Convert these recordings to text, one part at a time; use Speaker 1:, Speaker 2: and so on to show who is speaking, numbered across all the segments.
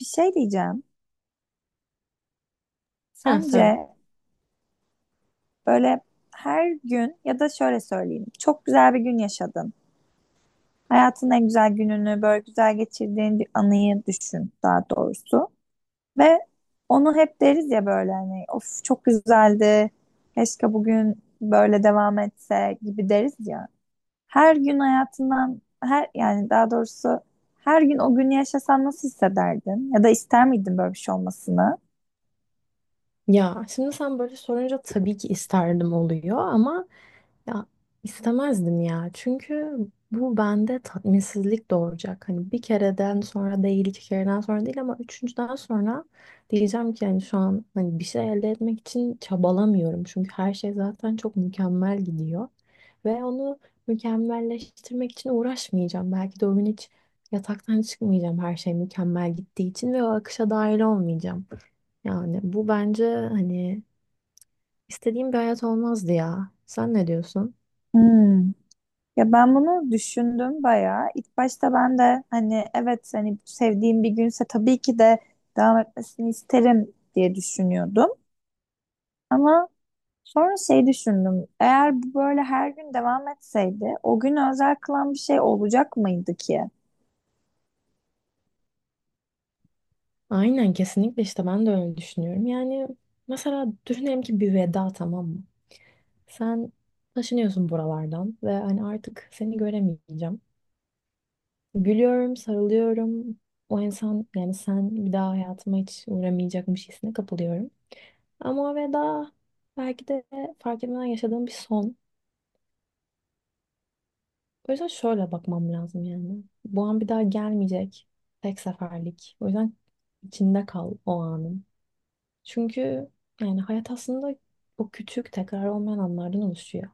Speaker 1: Bir şey diyeceğim.
Speaker 2: Ha,
Speaker 1: Sence
Speaker 2: söyle.
Speaker 1: böyle her gün ya da şöyle söyleyeyim. Çok güzel bir gün yaşadın. Hayatın en güzel gününü böyle güzel geçirdiğin bir anıyı düşün, daha doğrusu. Ve onu hep deriz ya, böyle hani of, çok güzeldi. Keşke bugün böyle devam etse gibi deriz ya. Her gün hayatından her, yani daha doğrusu her gün o günü yaşasan nasıl hissederdin? Ya da ister miydin böyle bir şey olmasını?
Speaker 2: Ya şimdi sen böyle sorunca tabii ki isterdim oluyor ama... Ya istemezdim ya. Çünkü bu bende tatminsizlik doğuracak. Hani bir kereden sonra değil, iki kereden sonra değil, ama üçüncüden sonra diyeceğim ki hani şu an hani bir şey elde etmek için çabalamıyorum. Çünkü her şey zaten çok mükemmel gidiyor. Ve onu mükemmelleştirmek için uğraşmayacağım. Belki de o gün hiç yataktan çıkmayacağım, her şey mükemmel gittiği için ve o akışa dahil olmayacağım. Yani bu bence hani istediğim bir hayat olmazdı ya. Sen ne diyorsun?
Speaker 1: Hmm. Ya ben bunu düşündüm bayağı. İlk başta ben de hani evet, hani sevdiğim bir günse tabii ki de devam etmesini isterim diye düşünüyordum. Ama sonra şey düşündüm. Eğer bu böyle her gün devam etseydi o gün özel kılan bir şey olacak mıydı ki?
Speaker 2: Aynen, kesinlikle işte ben de öyle düşünüyorum. Yani mesela düşünelim ki bir veda, tamam mı? Sen taşınıyorsun buralardan ve hani artık seni göremeyeceğim. Gülüyorum, sarılıyorum. O insan, yani sen bir daha hayatıma hiç uğramayacakmış hissine kapılıyorum. Ama o veda belki de fark etmeden yaşadığım bir son. O yüzden şöyle bakmam lazım yani. Bu an bir daha gelmeyecek. Tek seferlik. O yüzden içinde kal o anın. Çünkü yani hayat aslında o küçük tekrar olmayan anlardan oluşuyor.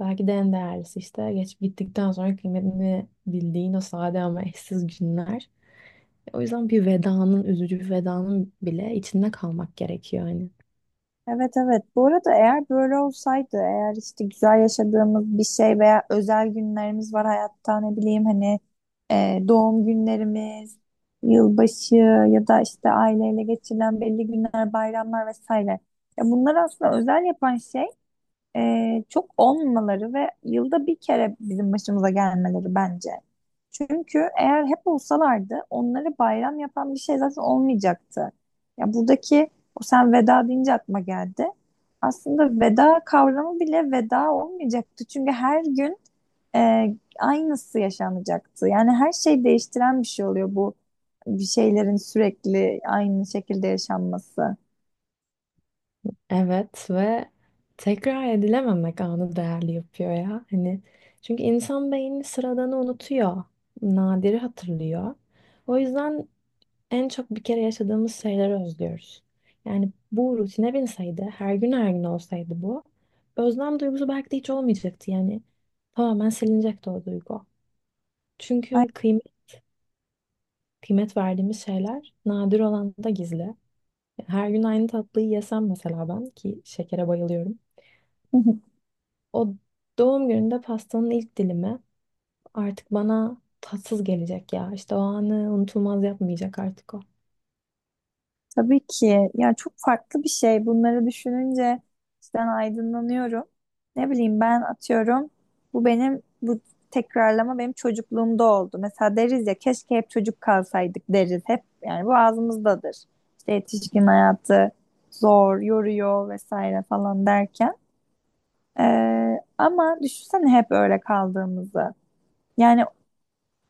Speaker 2: Belki de en değerlisi işte geçip gittikten sonra kıymetini bildiğin o sade ama eşsiz günler. O yüzden bir vedanın, üzücü bir vedanın bile içinde kalmak gerekiyor hani.
Speaker 1: Evet, evet. Bu arada eğer böyle olsaydı, eğer işte güzel yaşadığımız bir şey veya özel günlerimiz var hayatta, ne bileyim, hani doğum günlerimiz, yılbaşı ya da işte aileyle geçirilen belli günler, bayramlar vesaire. Ya bunlar aslında özel yapan şey, çok olmamaları ve yılda bir kere bizim başımıza gelmeleri bence. Çünkü eğer hep olsalardı onları bayram yapan bir şey zaten olmayacaktı. Ya buradaki, o sen veda deyince aklıma geldi. Aslında veda kavramı bile veda olmayacaktı. Çünkü her gün e, aynısı yaşanacaktı. Yani her şey değiştiren bir şey oluyor bu, bir şeylerin sürekli aynı şekilde yaşanması.
Speaker 2: Evet ve tekrar edilememek anı değerli yapıyor ya. Hani çünkü insan beyni sıradanı unutuyor, nadiri hatırlıyor. O yüzden en çok bir kere yaşadığımız şeyleri özlüyoruz. Yani bu rutine binseydi, her gün her gün olsaydı bu, özlem duygusu belki de hiç olmayacaktı. Yani tamamen silinecekti o duygu.
Speaker 1: Ay-
Speaker 2: Çünkü kıymet, kıymet verdiğimiz şeyler nadir olan da gizli. Her gün aynı tatlıyı yesem, mesela ben ki şekere bayılıyorum. O doğum gününde pastanın ilk dilimi artık bana tatsız gelecek ya. İşte o anı unutulmaz yapmayacak artık o.
Speaker 1: Tabii ki. Yani çok farklı bir şey. Bunları düşününce cidden aydınlanıyorum. Ne bileyim, ben atıyorum. Bu benim, bu tekrarlama benim çocukluğumda oldu. Mesela deriz ya, keşke hep çocuk kalsaydık deriz. Hep, yani bu ağzımızdadır. İşte yetişkin hayatı zor, yoruyor vesaire falan derken. Ama düşünsene hep öyle kaldığımızı. Yani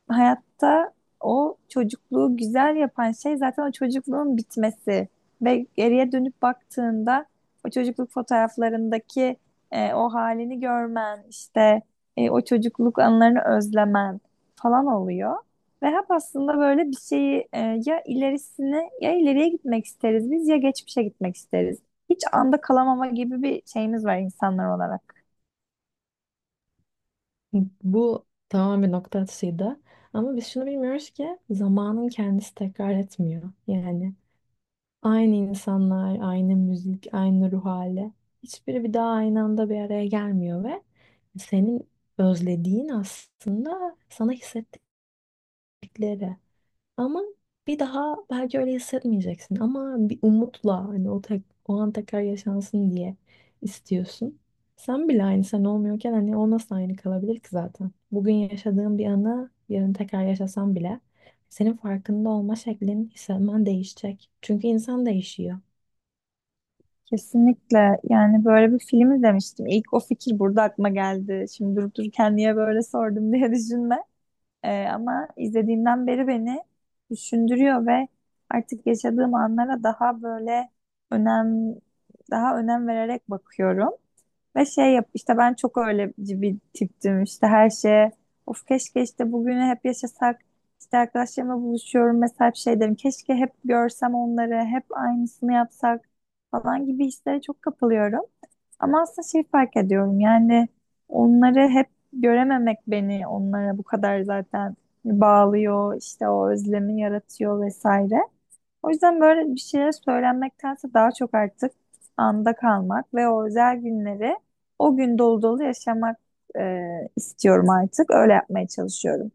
Speaker 1: hayatta o çocukluğu güzel yapan şey zaten o çocukluğun bitmesi. Ve geriye dönüp baktığında o çocukluk fotoğraflarındaki o halini görmen, işte o çocukluk anılarını özlemen falan oluyor. Ve hep aslında böyle bir şeyi, ya ilerisine ya ileriye gitmek isteriz biz, ya geçmişe gitmek isteriz. Hiç anda kalamama gibi bir şeyimiz var insanlar olarak.
Speaker 2: Bu tamamen nokta atışıydı. Ama biz şunu bilmiyoruz ki zamanın kendisi tekrar etmiyor. Yani aynı insanlar, aynı müzik, aynı ruh hali. Hiçbiri bir daha aynı anda bir araya gelmiyor ve senin özlediğin aslında sana hissettikleri. Ama bir daha belki öyle hissetmeyeceksin. Ama bir umutla hani o, tek, o an tekrar yaşansın diye istiyorsun. Sen bile aynı sen olmuyorken hani o nasıl aynı kalabilir ki zaten? Bugün yaşadığın bir anı yarın tekrar yaşasan bile senin farkında olma şeklin, hissetmen değişecek. Çünkü insan değişiyor.
Speaker 1: Kesinlikle. Yani böyle bir film izlemiştim. İlk o fikir burada aklıma geldi. Şimdi durup dururken niye böyle sordum diye düşünme. Ama izlediğimden beri beni düşündürüyor ve artık yaşadığım anlara daha böyle önem daha önem vererek bakıyorum. Ve şey yap, işte ben çok öyle bir tiptim, işte her şeye of, keşke işte bugünü hep yaşasak, işte arkadaşlarımla buluşuyorum mesela, hep şey derim keşke hep görsem onları, hep aynısını yapsak falan gibi hislere çok kapılıyorum. Ama aslında şey fark ediyorum, yani onları hep görememek beni onlara bu kadar zaten bağlıyor, işte o özlemi yaratıyor vesaire. O yüzden böyle bir şeyler söylenmektense daha çok artık anda kalmak ve o özel günleri o gün dolu dolu yaşamak, e, istiyorum artık. Öyle yapmaya çalışıyorum.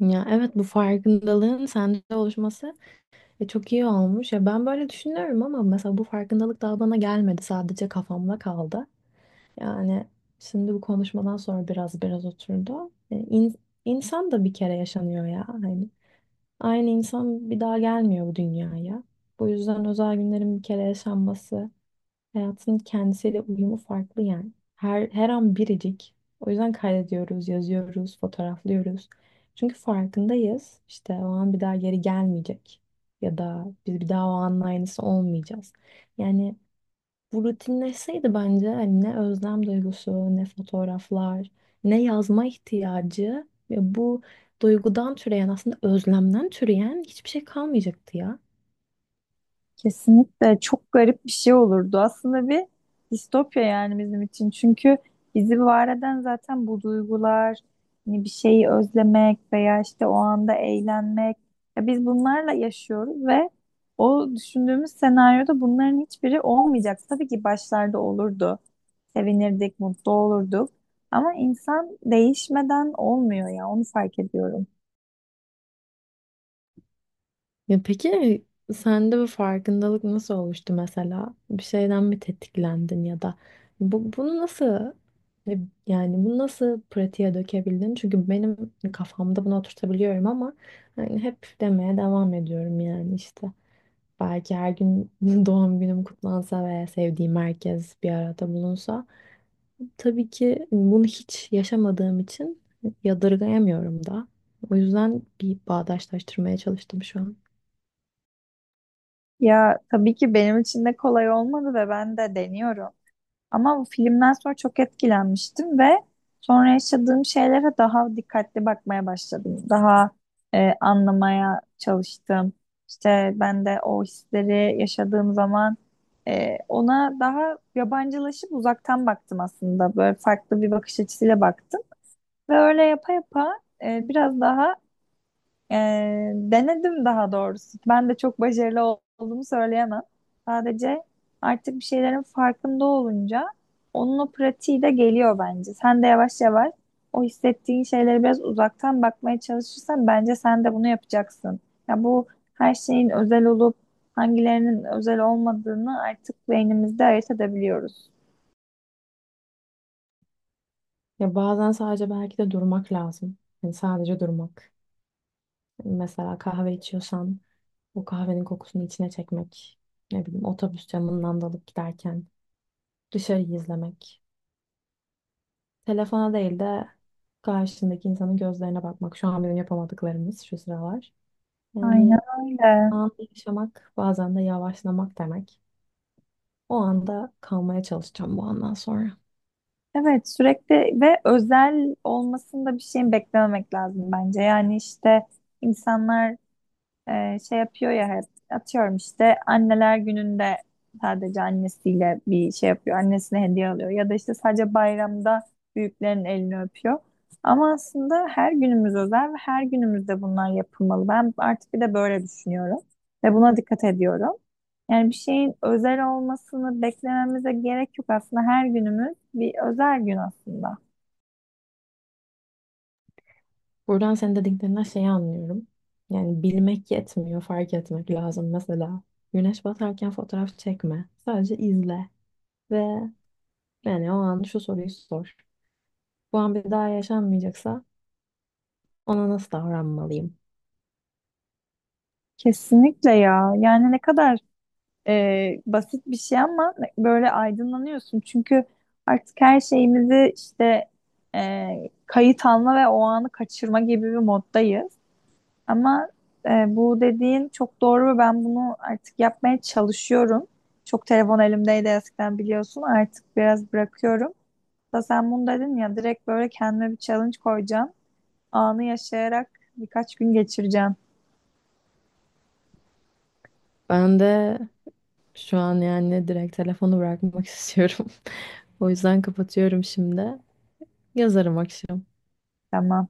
Speaker 2: Ya evet, bu farkındalığın sende oluşması çok iyi olmuş. Ya ben böyle düşünüyorum ama mesela bu farkındalık daha bana gelmedi. Sadece kafamda kaldı. Yani şimdi bu konuşmadan sonra biraz oturdu. İnsan da bir kere yaşanıyor ya. Hani aynı insan bir daha gelmiyor bu dünyaya. Bu yüzden özel günlerin bir kere yaşanması, hayatın kendisiyle uyumu farklı yani. Her, her an biricik. O yüzden kaydediyoruz, yazıyoruz, fotoğraflıyoruz. Çünkü farkındayız. İşte o an bir daha geri gelmeyecek. Ya da biz bir daha o anın aynısı olmayacağız. Yani bu rutinleşseydi bence hani ne özlem duygusu, ne fotoğraflar, ne yazma ihtiyacı ve bu duygudan türeyen, aslında özlemden türeyen hiçbir şey kalmayacaktı ya.
Speaker 1: Kesinlikle çok garip bir şey olurdu. Aslında bir distopya yani bizim için. Çünkü bizi var eden zaten bu duygular, hani bir şeyi özlemek veya işte o anda eğlenmek. Ya biz bunlarla yaşıyoruz ve o düşündüğümüz senaryoda bunların hiçbiri olmayacak. Tabii ki başlarda olurdu. Sevinirdik, mutlu olurduk. Ama insan değişmeden olmuyor ya, onu fark ediyorum.
Speaker 2: Ya peki sende bu farkındalık nasıl oluştu mesela? Bir şeyden mi tetiklendin ya da bu, bunu nasıl e, yani bunu nasıl pratiğe dökebildin? Çünkü benim kafamda bunu oturtabiliyorum ama hani hep demeye devam ediyorum yani işte. Belki her gün doğum günüm kutlansa veya sevdiğim herkes bir arada bulunsa. Tabii ki bunu hiç yaşamadığım için yadırgayamıyorum da. O yüzden bir bağdaşlaştırmaya çalıştım şu an.
Speaker 1: Ya tabii ki benim için de kolay olmadı ve ben de deniyorum. Ama bu filmden sonra çok etkilenmiştim ve sonra yaşadığım şeylere daha dikkatli bakmaya başladım. Daha anlamaya çalıştım. İşte ben de o hisleri yaşadığım zaman ona daha yabancılaşıp uzaktan baktım aslında. Böyle farklı bir bakış açısıyla baktım. Ve öyle yapa yapa biraz daha denedim, daha doğrusu. Ben de çok başarılı olduğumu söyleyemem. Sadece artık bir şeylerin farkında olunca onun o pratiği de geliyor bence. Sen de yavaş yavaş o hissettiğin şeylere biraz uzaktan bakmaya çalışırsan bence sen de bunu yapacaksın. Ya bu, her şeyin özel olup hangilerinin özel olmadığını artık beynimizde ayırt edebiliyoruz.
Speaker 2: Ya bazen sadece belki de durmak lazım. Yani sadece durmak. Yani mesela kahve içiyorsan o kahvenin kokusunu içine çekmek. Ne bileyim, otobüs camından dalıp giderken dışarıyı izlemek. Telefona değil de karşındaki insanın gözlerine bakmak. Şu an benim yapamadıklarımız şu sıralar.
Speaker 1: Aynen
Speaker 2: Yani
Speaker 1: öyle.
Speaker 2: anı yaşamak bazen de yavaşlamak demek. O anda kalmaya çalışacağım bu andan sonra.
Speaker 1: Evet, sürekli ve özel olmasında bir şeyin beklememek lazım bence. Yani işte insanlar, şey yapıyor ya hep, atıyorum işte anneler gününde sadece annesiyle bir şey yapıyor. Annesine hediye alıyor ya da işte sadece bayramda büyüklerin elini öpüyor. Ama aslında her günümüz özel ve her günümüzde bunlar yapılmalı. Ben artık bir de böyle düşünüyorum ve buna dikkat ediyorum. Yani bir şeyin özel olmasını beklememize gerek yok aslında. Her günümüz bir özel gün aslında.
Speaker 2: Buradan senin dediklerinden şeyi anlıyorum. Yani bilmek yetmiyor, fark etmek lazım. Mesela güneş batarken fotoğraf çekme. Sadece izle ve yani o an şu soruyu sor. Bu an bir daha yaşanmayacaksa ona nasıl davranmalıyım?
Speaker 1: Kesinlikle ya. Yani ne kadar basit bir şey, ama böyle aydınlanıyorsun. Çünkü artık her şeyimizi işte, e, kayıt alma ve o anı kaçırma gibi bir moddayız. Ama e, bu dediğin çok doğru ve ben bunu artık yapmaya çalışıyorum. Çok telefon elimdeydi eskiden, biliyorsun. Artık biraz bırakıyorum. Da sen bunu dedin ya, direkt böyle kendime bir challenge koyacağım. Anı yaşayarak birkaç gün geçireceğim.
Speaker 2: Ben de şu an yani direkt telefonu bırakmak istiyorum. O yüzden kapatıyorum şimdi. Yazarım akşam.
Speaker 1: Tamam.